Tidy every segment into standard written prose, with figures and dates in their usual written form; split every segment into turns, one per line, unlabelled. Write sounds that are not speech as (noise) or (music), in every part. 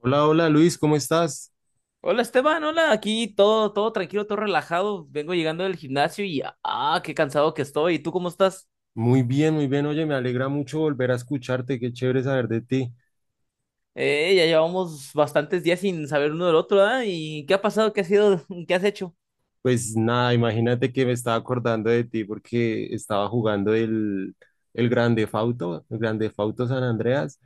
Hola, hola Luis, ¿cómo estás?
Hola Esteban, hola, aquí todo tranquilo, todo relajado. Vengo llegando del gimnasio y qué cansado que estoy. ¿Y tú cómo estás?
Muy bien, muy bien. Oye, me alegra mucho volver a escucharte, qué chévere saber de ti.
Ya llevamos bastantes días sin saber uno del otro, ¿ah? ¿Y qué ha pasado? ¿Qué ha sido? (laughs) ¿Qué has hecho?
Pues nada, imagínate que me estaba acordando de ti porque estaba jugando el Grande Fauto San Andreas,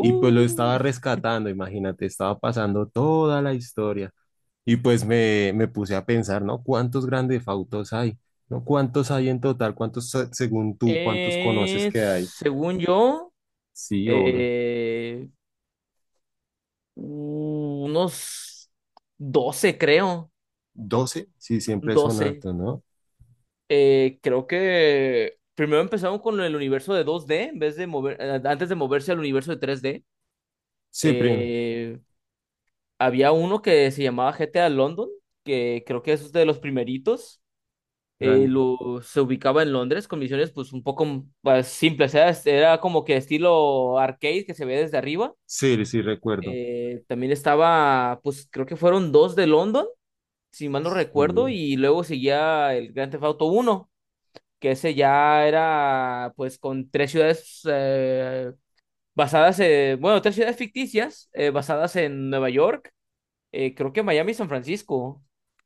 y pues lo estaba rescatando, imagínate, estaba pasando toda la historia. Y pues me puse a pensar, ¿no? ¿Cuántos Grande Fautos hay? ¿No? ¿Cuántos hay en total? ¿Cuántos, según tú, cuántos conoces que hay?
según yo,
Sí,
eh, unos 12 creo.
12, sí, siempre son
Doce
altos, ¿no?
Creo que primero empezaron con el universo de 2D en vez de antes de moverse al universo de 3D.
Sí,
Eh, Había uno que se llamaba GTA London, que creo que es de los primeritos. eh,
gran
lo, se ubicaba en Londres con misiones pues un poco pues, simples. Era como que estilo arcade que se ve desde arriba.
sí, sí, recuerdo.
También estaba, pues creo que fueron dos de London, si mal no recuerdo,
Sí,
y luego seguía el Grand Theft Auto uno, que ese ya era pues con tres ciudades basadas, en, bueno, tres ciudades ficticias basadas en Nueva York, creo que Miami y San Francisco.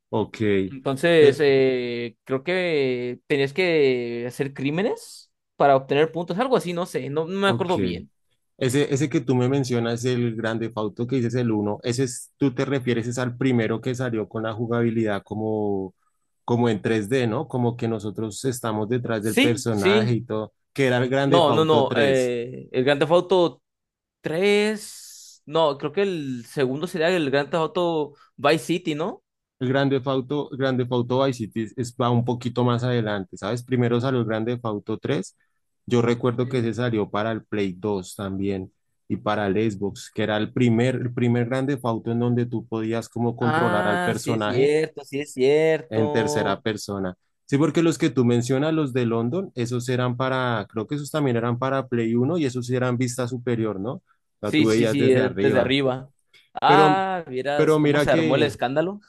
ok.
Entonces,
Eh,
creo que tenías que hacer crímenes para obtener puntos, algo así, no sé, no me
ok.
acuerdo bien.
Ese que tú me mencionas, el grande Fauto que dices el uno, ese es, tú te refieres es al primero que salió con la jugabilidad como en tres d, ¿no? Como que nosotros estamos detrás del
Sí,
personaje y
sí,
todo, que era el grande
no, no,
Fauto
no,
tres.
el Grand Theft Auto 3, no, creo que el segundo sería el Grand Theft Auto Vice City, ¿no?
El grande Theft Auto Vice City va un poquito más adelante, ¿sabes? Primero salió el grande Fauto 3. Yo recuerdo que
Eh,
ese salió para el Play 2 también y para el Xbox, que era el primer grande Auto en donde tú podías como controlar al
ah, sí es
personaje
cierto, sí es
en tercera
cierto.
persona. Sí, porque los que tú mencionas, los de London, esos eran para, creo que esos también eran para Play uno y esos sí eran vista superior, ¿no? La tú
Sí, sí,
veías
sí,
desde
desde
arriba.
arriba.
Pero,
Ah, vieras
pero
cómo
mira
se armó el
que,
escándalo.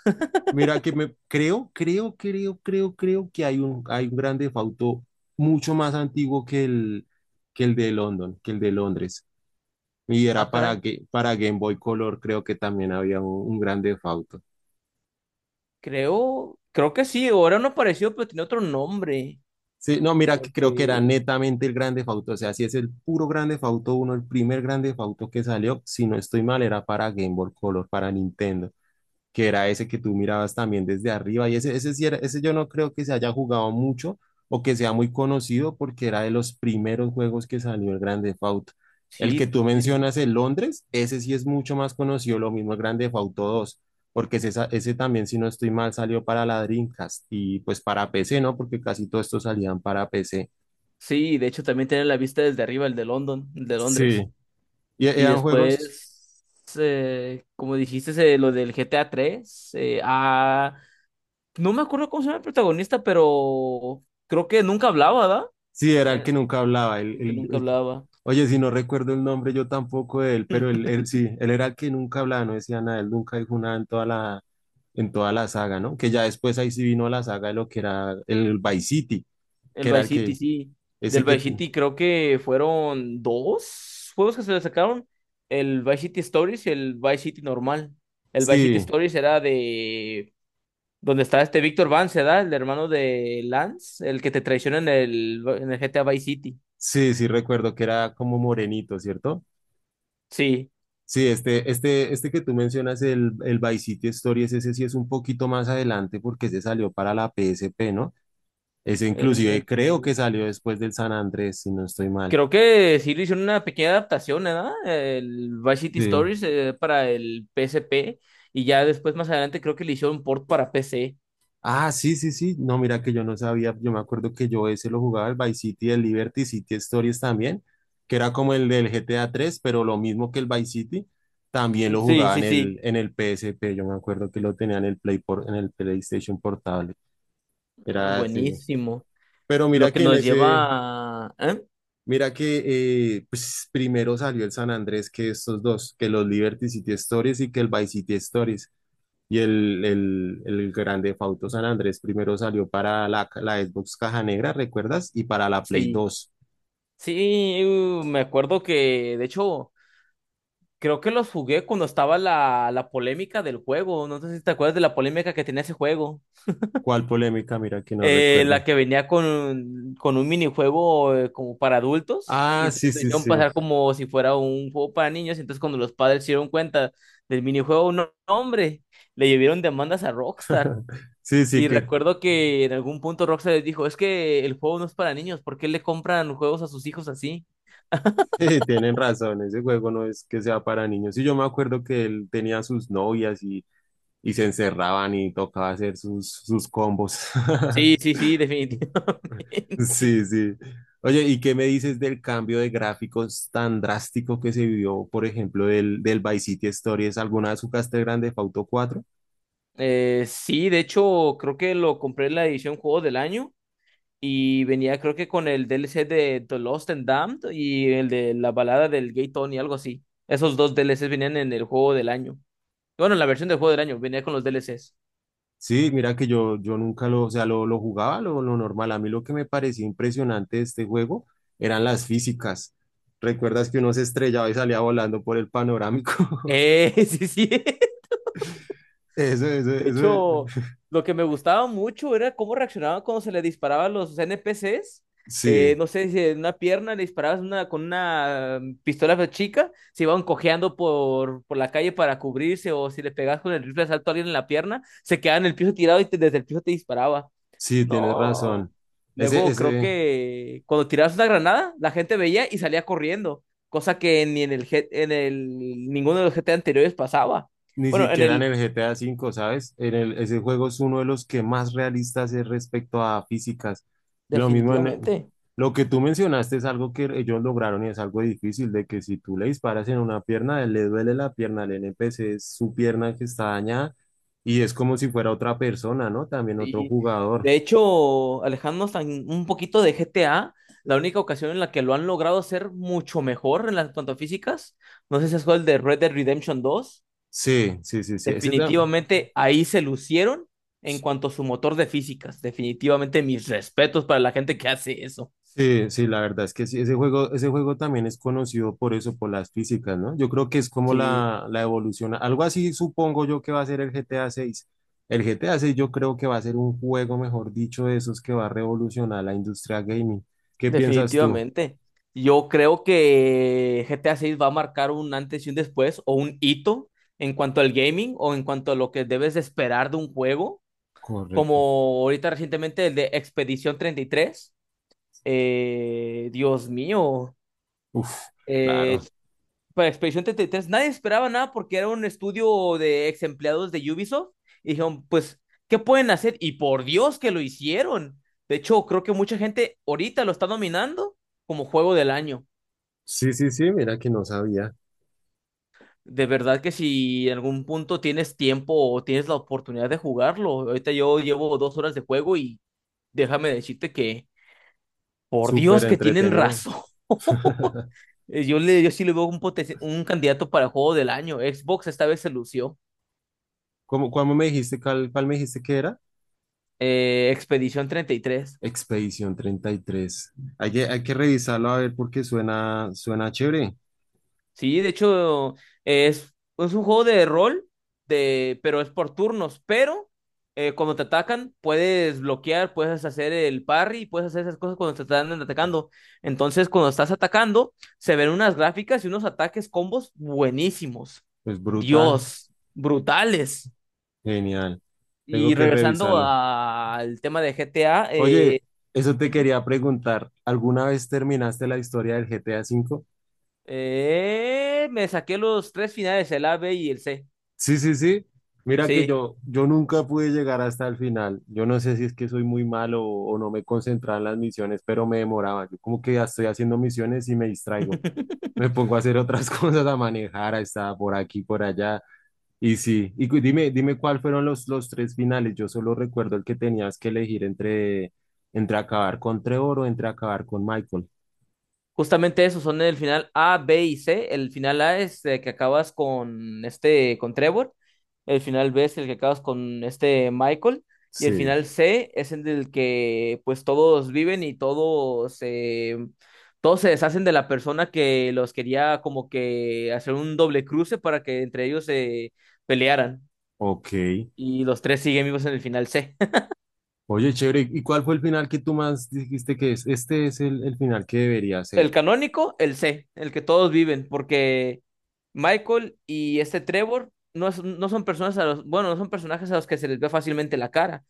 mira que me creo, creo, creo, creo, creo que hay un gran defauto mucho más antiguo que el de London, que el de Londres. Y
Ah,
era
caray.
para Game Boy Color, creo que también había un gran defauto.
Creo que sí, ahora no apareció, pero tiene otro nombre.
Sí, no, mira que creo que era
Porque
netamente el gran defauto. O sea, si es el puro gran defauto uno, el primer gran defauto que salió, si no estoy mal, era para Game Boy Color, para Nintendo. Que era ese que tú mirabas también desde arriba. Ese yo no creo que se haya jugado mucho o que sea muy conocido porque era de los primeros juegos que salió el Grande Theft Auto. El que
sí,
tú
sí.
mencionas, el Londres, ese sí es mucho más conocido, lo mismo el Grande Theft Auto dos, porque ese también, si no estoy mal, salió para la Dreamcast y pues para PC, ¿no? Porque casi todos estos salían para PC.
Sí, de hecho también tiene la vista desde arriba, el de London, el de
Sí.
Londres.
Y
Y
eran juegos.
después, como dijiste, lo del G T A GTA 3, no me acuerdo cómo se llama el protagonista, pero creo que nunca hablaba, ¿verdad?
Sí, era el
Eh,
que nunca hablaba. El,
el que nunca
el-
hablaba.
oye, si no recuerdo el nombre, yo tampoco de él, pero él,
(laughs)
él sí, él era el que nunca hablaba, no decía nada, él nunca dijo nada en toda la, saga, ¿no? Que ya después ahí sí vino la saga de lo que era el Vice City, que
El
era
Vice
el
City,
que,
sí.
ese
Del Vice
que,
City creo que fueron dos juegos que se le sacaron. El Vice City Stories y el Vice City normal. El Vice City
sí,
Stories era de donde está este Víctor Vance, ¿verdad? El hermano de Lance, el que te traiciona en el GTA Vice City.
sí, sí recuerdo que era como morenito, ¿cierto?
Sí.
Sí, este que tú mencionas, el Vice City Stories, ese sí es un poquito más adelante porque se salió para la PSP, ¿no? Ese
Eh,
inclusive creo
eh,
que salió después del San Andrés, si no estoy mal.
creo que sí le hicieron una pequeña adaptación, ¿verdad? El Vice City
Sí.
Stories para el PSP y ya después más adelante creo que le hicieron un port para PC.
Ah, sí, sí, sí. No, mira que yo no sabía. Yo me acuerdo que yo ese lo jugaba el Vice City, el Liberty City Stories también, que era como el del GTA 3 pero lo mismo que el Vice City, también lo
Sí,
jugaba en
sí, sí.
el, en el PSP. Yo me acuerdo que lo tenía en el PlayStation Portable.
Ah,
Era así.
buenísimo.
Pero
Lo
mira
que
que
nos lleva a... ¿eh?
mira que pues primero salió el San Andrés que estos dos, que los Liberty City Stories y que el Vice City Stories. Y el Grande Fauto San Andrés primero salió para la Xbox Caja Negra, ¿recuerdas? Y para la Play
Sí,
dos.
sí, me acuerdo que, de hecho, creo que los jugué cuando estaba la polémica del juego. No sé si te acuerdas de la polémica que tenía ese juego.
¿Cuál polémica? Mira que no recuerdo.
La que venía con un minijuego como para adultos. Y
Ah, sí,
entonces lo
sí,
hicieron
sí.
pasar como si fuera un juego para niños. Y entonces cuando los padres se dieron cuenta del minijuego, no, no, hombre, le llevaron demandas a Rockstar.
Sí, sí,
Y
que
recuerdo que en algún punto Rockstar les dijo, es que el juego no es para niños, ¿por qué le compran juegos a sus hijos así?
(laughs) tienen razón. Ese juego no es que sea para niños. Y yo me acuerdo que él tenía sus novias y se encerraban y tocaba hacer sus combos. (laughs)
Sí, sí, sí,
(laughs)
definitivamente. (laughs)
Sí, sí. Oye, ¿y qué me dices del cambio de gráficos tan drástico que se vio, por ejemplo, del Vice City Stories? ¿Alguna vez jugaste Grande Theft Auto 4?
Sí, de hecho, creo que lo compré en la edición Juego del Año y venía creo que con el DLC de The Lost and Damned y el de la balada del Gay Tony, algo así. Esos dos DLCs venían en el Juego del Año. Bueno, en la versión del Juego del Año venía con los D DLCs.
Sí, mira que yo nunca lo, o sea, lo jugaba lo normal. A mí lo que me parecía impresionante de este juego eran las físicas. ¿Recuerdas que uno se estrellaba y salía volando por el panorámico?
(laughs) Sí, sí.
(laughs) Eso, eso,
De hecho,
eso.
lo que me gustaba mucho era cómo reaccionaban cuando se le disparaban los NPCs.
Sí.
No sé si en una pierna le disparabas con una pistola chica, se iban cojeando por la calle para cubrirse, o si le pegabas con el rifle de asalto a alguien en la pierna, se quedaba en el piso tirado y desde el piso te disparaba.
Sí, tienes
No.
razón. Ese,
Luego creo
ese,
que cuando tirabas una granada, la gente veía y salía corriendo, cosa que ni en el ninguno de los GT anteriores pasaba.
ni
Bueno, en
siquiera en
el
el GTA V, ¿sabes? Ese juego es uno de los que más realistas es respecto a físicas. Lo mismo en, el-
definitivamente.
lo que tú mencionaste es algo que ellos lograron y es algo difícil, de que si tú le disparas en una pierna, le duele la pierna al NPC, es su pierna que está dañada y es como si fuera otra persona, ¿no? También otro
Sí.
jugador.
De hecho, alejándonos un poquito de GTA, la única ocasión en la que lo han logrado hacer mucho mejor en las cuanto a físicas, no sé si es el de Red Dead Redemption 2,
Sí, sí, sí, sí. Ese también.
definitivamente ahí se lucieron en cuanto a su motor de físicas. Definitivamente mis respetos para la gente que hace eso.
Sí, sí, la verdad es que sí, ese juego también es conocido por eso, por las físicas, ¿no? Yo creo que es como
Sí,
la evolución, algo así supongo yo que va a ser el GTA 6. El GTA 6 yo creo que va a ser un juego, mejor dicho, de esos que va a revolucionar la industria gaming. ¿Qué piensas tú?
definitivamente. Yo creo que GTA 6 va a marcar un antes y un después o un hito en cuanto al gaming o en cuanto a lo que debes de esperar de un juego como
Correcto.
ahorita recientemente el de Expedición 33. Dios mío.
Uf,
Eh,
claro.
para Expedición 33 nadie esperaba nada porque era un estudio de ex empleados de Ubisoft. Y dijeron, pues, ¿qué pueden hacer? Y por Dios que lo hicieron. De hecho, creo que mucha gente ahorita lo está nominando como juego del año.
Sí, sí, sí, mira que no sabía.
De verdad que si en algún punto tienes tiempo o tienes la oportunidad de jugarlo. Ahorita yo llevo 2 horas de juego y déjame decirte que, por
Súper
Dios que tienen
entretenido.
razón.
(laughs)
Yo sí le veo un candidato para juego del año. Xbox esta vez se lució.
¿Cómo, me dijiste, cuál me dijiste que era?
Expedición 33.
Expedición 33. Hay que revisarlo a ver porque suena chévere.
Sí, de hecho, es un juego de rol, pero es por turnos. Pero cuando te atacan, puedes bloquear, puedes hacer el parry, puedes hacer esas cosas cuando te están atacando. Entonces, cuando estás atacando, se ven unas gráficas y unos ataques combos buenísimos.
Es brutal.
Dios, brutales.
Genial. Tengo
Y
que
regresando
revisarlo.
al tema de GTA,
Oye, eso te
ujú.
quería preguntar. ¿Alguna vez terminaste la historia del GTA V?
Me saqué los tres finales, el A, B y el C.
Sí, sí, sí. Mira que
Sí.
yo nunca pude llegar hasta el final. Yo no sé si es que soy muy malo o no me concentraba en las misiones, pero me demoraba. Yo como que ya estoy haciendo misiones y me distraigo. Me
(laughs)
pongo a hacer otras (laughs) cosas, a manejar, a estar por aquí, por allá. Y sí, dime cuál fueron los tres finales. Yo solo recuerdo el que tenías que elegir entre acabar con Trevor o entre acabar con Michael.
Justamente esos son el final A, B y C. El final A es el que acabas con este, con Trevor. El final B es el que acabas con este Michael. Y el
Sí,
final C es el del que pues todos viven y todos se deshacen de la persona que los quería como que hacer un doble cruce para que entre ellos se pelearan.
ok.
Y los tres siguen vivos en el final C.
Oye, chévere, ¿y cuál fue el final que tú más dijiste que es? Este es el final que debería
El
ser.
canónico, el C, el que todos viven, porque Michael y este Trevor no, no son personas a los, bueno, no son personajes a los que se les ve fácilmente la cara.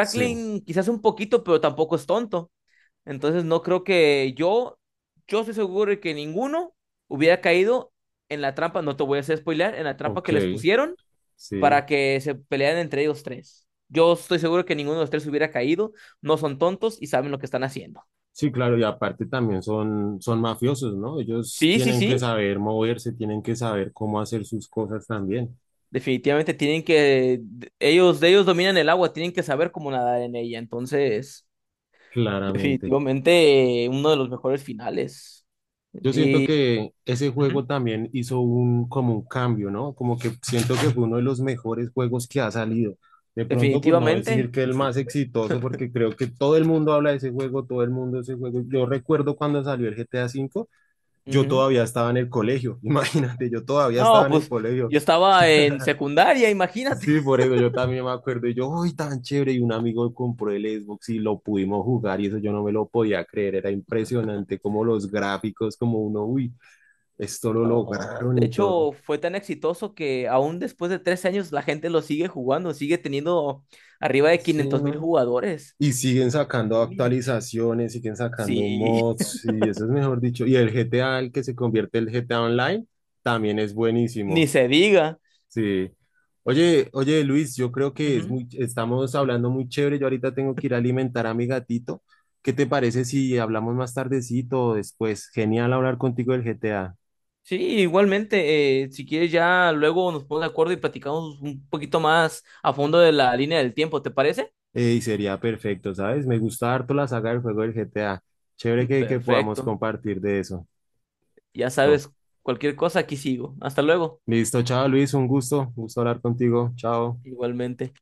Sí,
quizás un poquito, pero tampoco es tonto. Entonces no creo que yo estoy seguro de que ninguno hubiera caído en la trampa, no te voy a hacer spoilear, en la trampa que
ok,
les pusieron
sí.
para que se pelearan entre ellos tres. Yo estoy seguro que ninguno de los tres hubiera caído, no son tontos y saben lo que están haciendo.
Sí, claro, y aparte también son mafiosos, ¿no? Ellos
Sí, sí,
tienen que
sí.
saber moverse, tienen que saber cómo hacer sus cosas también,
Definitivamente ellos, de ellos dominan el agua, tienen que saber cómo nadar en ella. Entonces,
claramente.
definitivamente uno de los mejores finales.
Yo siento
Y
que ese juego
Ujú.
también hizo como un cambio, ¿no? Como que siento que fue uno de los mejores juegos que ha salido. De pronto, por no decir
Definitivamente.
que el más exitoso, porque creo que todo el mundo habla de ese juego, todo el mundo de ese juego. Yo recuerdo cuando salió el GTA V, yo
Ujú.
todavía estaba en el colegio, (laughs) imagínate, yo todavía estaba
No,
en el
pues
colegio.
yo estaba en secundaria, imagínate.
Sí,
(laughs)
por eso yo también me acuerdo, y yo, uy, tan chévere, y un amigo compró el Xbox y lo pudimos jugar, y eso yo no me lo podía creer, era impresionante como los gráficos, como uno, uy esto lo
No,
lograron
de
y todo.
hecho, fue tan exitoso que aún después de 3 años la gente lo sigue jugando, sigue teniendo arriba de
Sí,
500.000
¿no?
jugadores.
Y siguen sacando
En línea.
actualizaciones, siguen sacando
Sí,
mods, y eso es mejor dicho. Y el GTA, el que se convierte en el GTA Online, también es
(laughs) ni
buenísimo.
se diga.
Sí. Oye, oye, Luis, yo creo que
Ujú.
estamos hablando muy chévere. Yo ahorita tengo que ir a alimentar a mi gatito. ¿Qué te parece si hablamos más tardecito o después? Genial hablar contigo del GTA.
Sí, igualmente, si quieres ya luego nos ponemos de acuerdo y platicamos un poquito más a fondo de la línea del tiempo, ¿te parece?
Y sería perfecto, ¿sabes? Me gusta harto la saga del juego del GTA. Chévere
(laughs)
que podamos
Perfecto.
compartir de eso.
Ya
Listo.
sabes, cualquier cosa aquí sigo. Hasta luego.
Listo, chao Luis, un gusto hablar contigo. Chao.
Igualmente.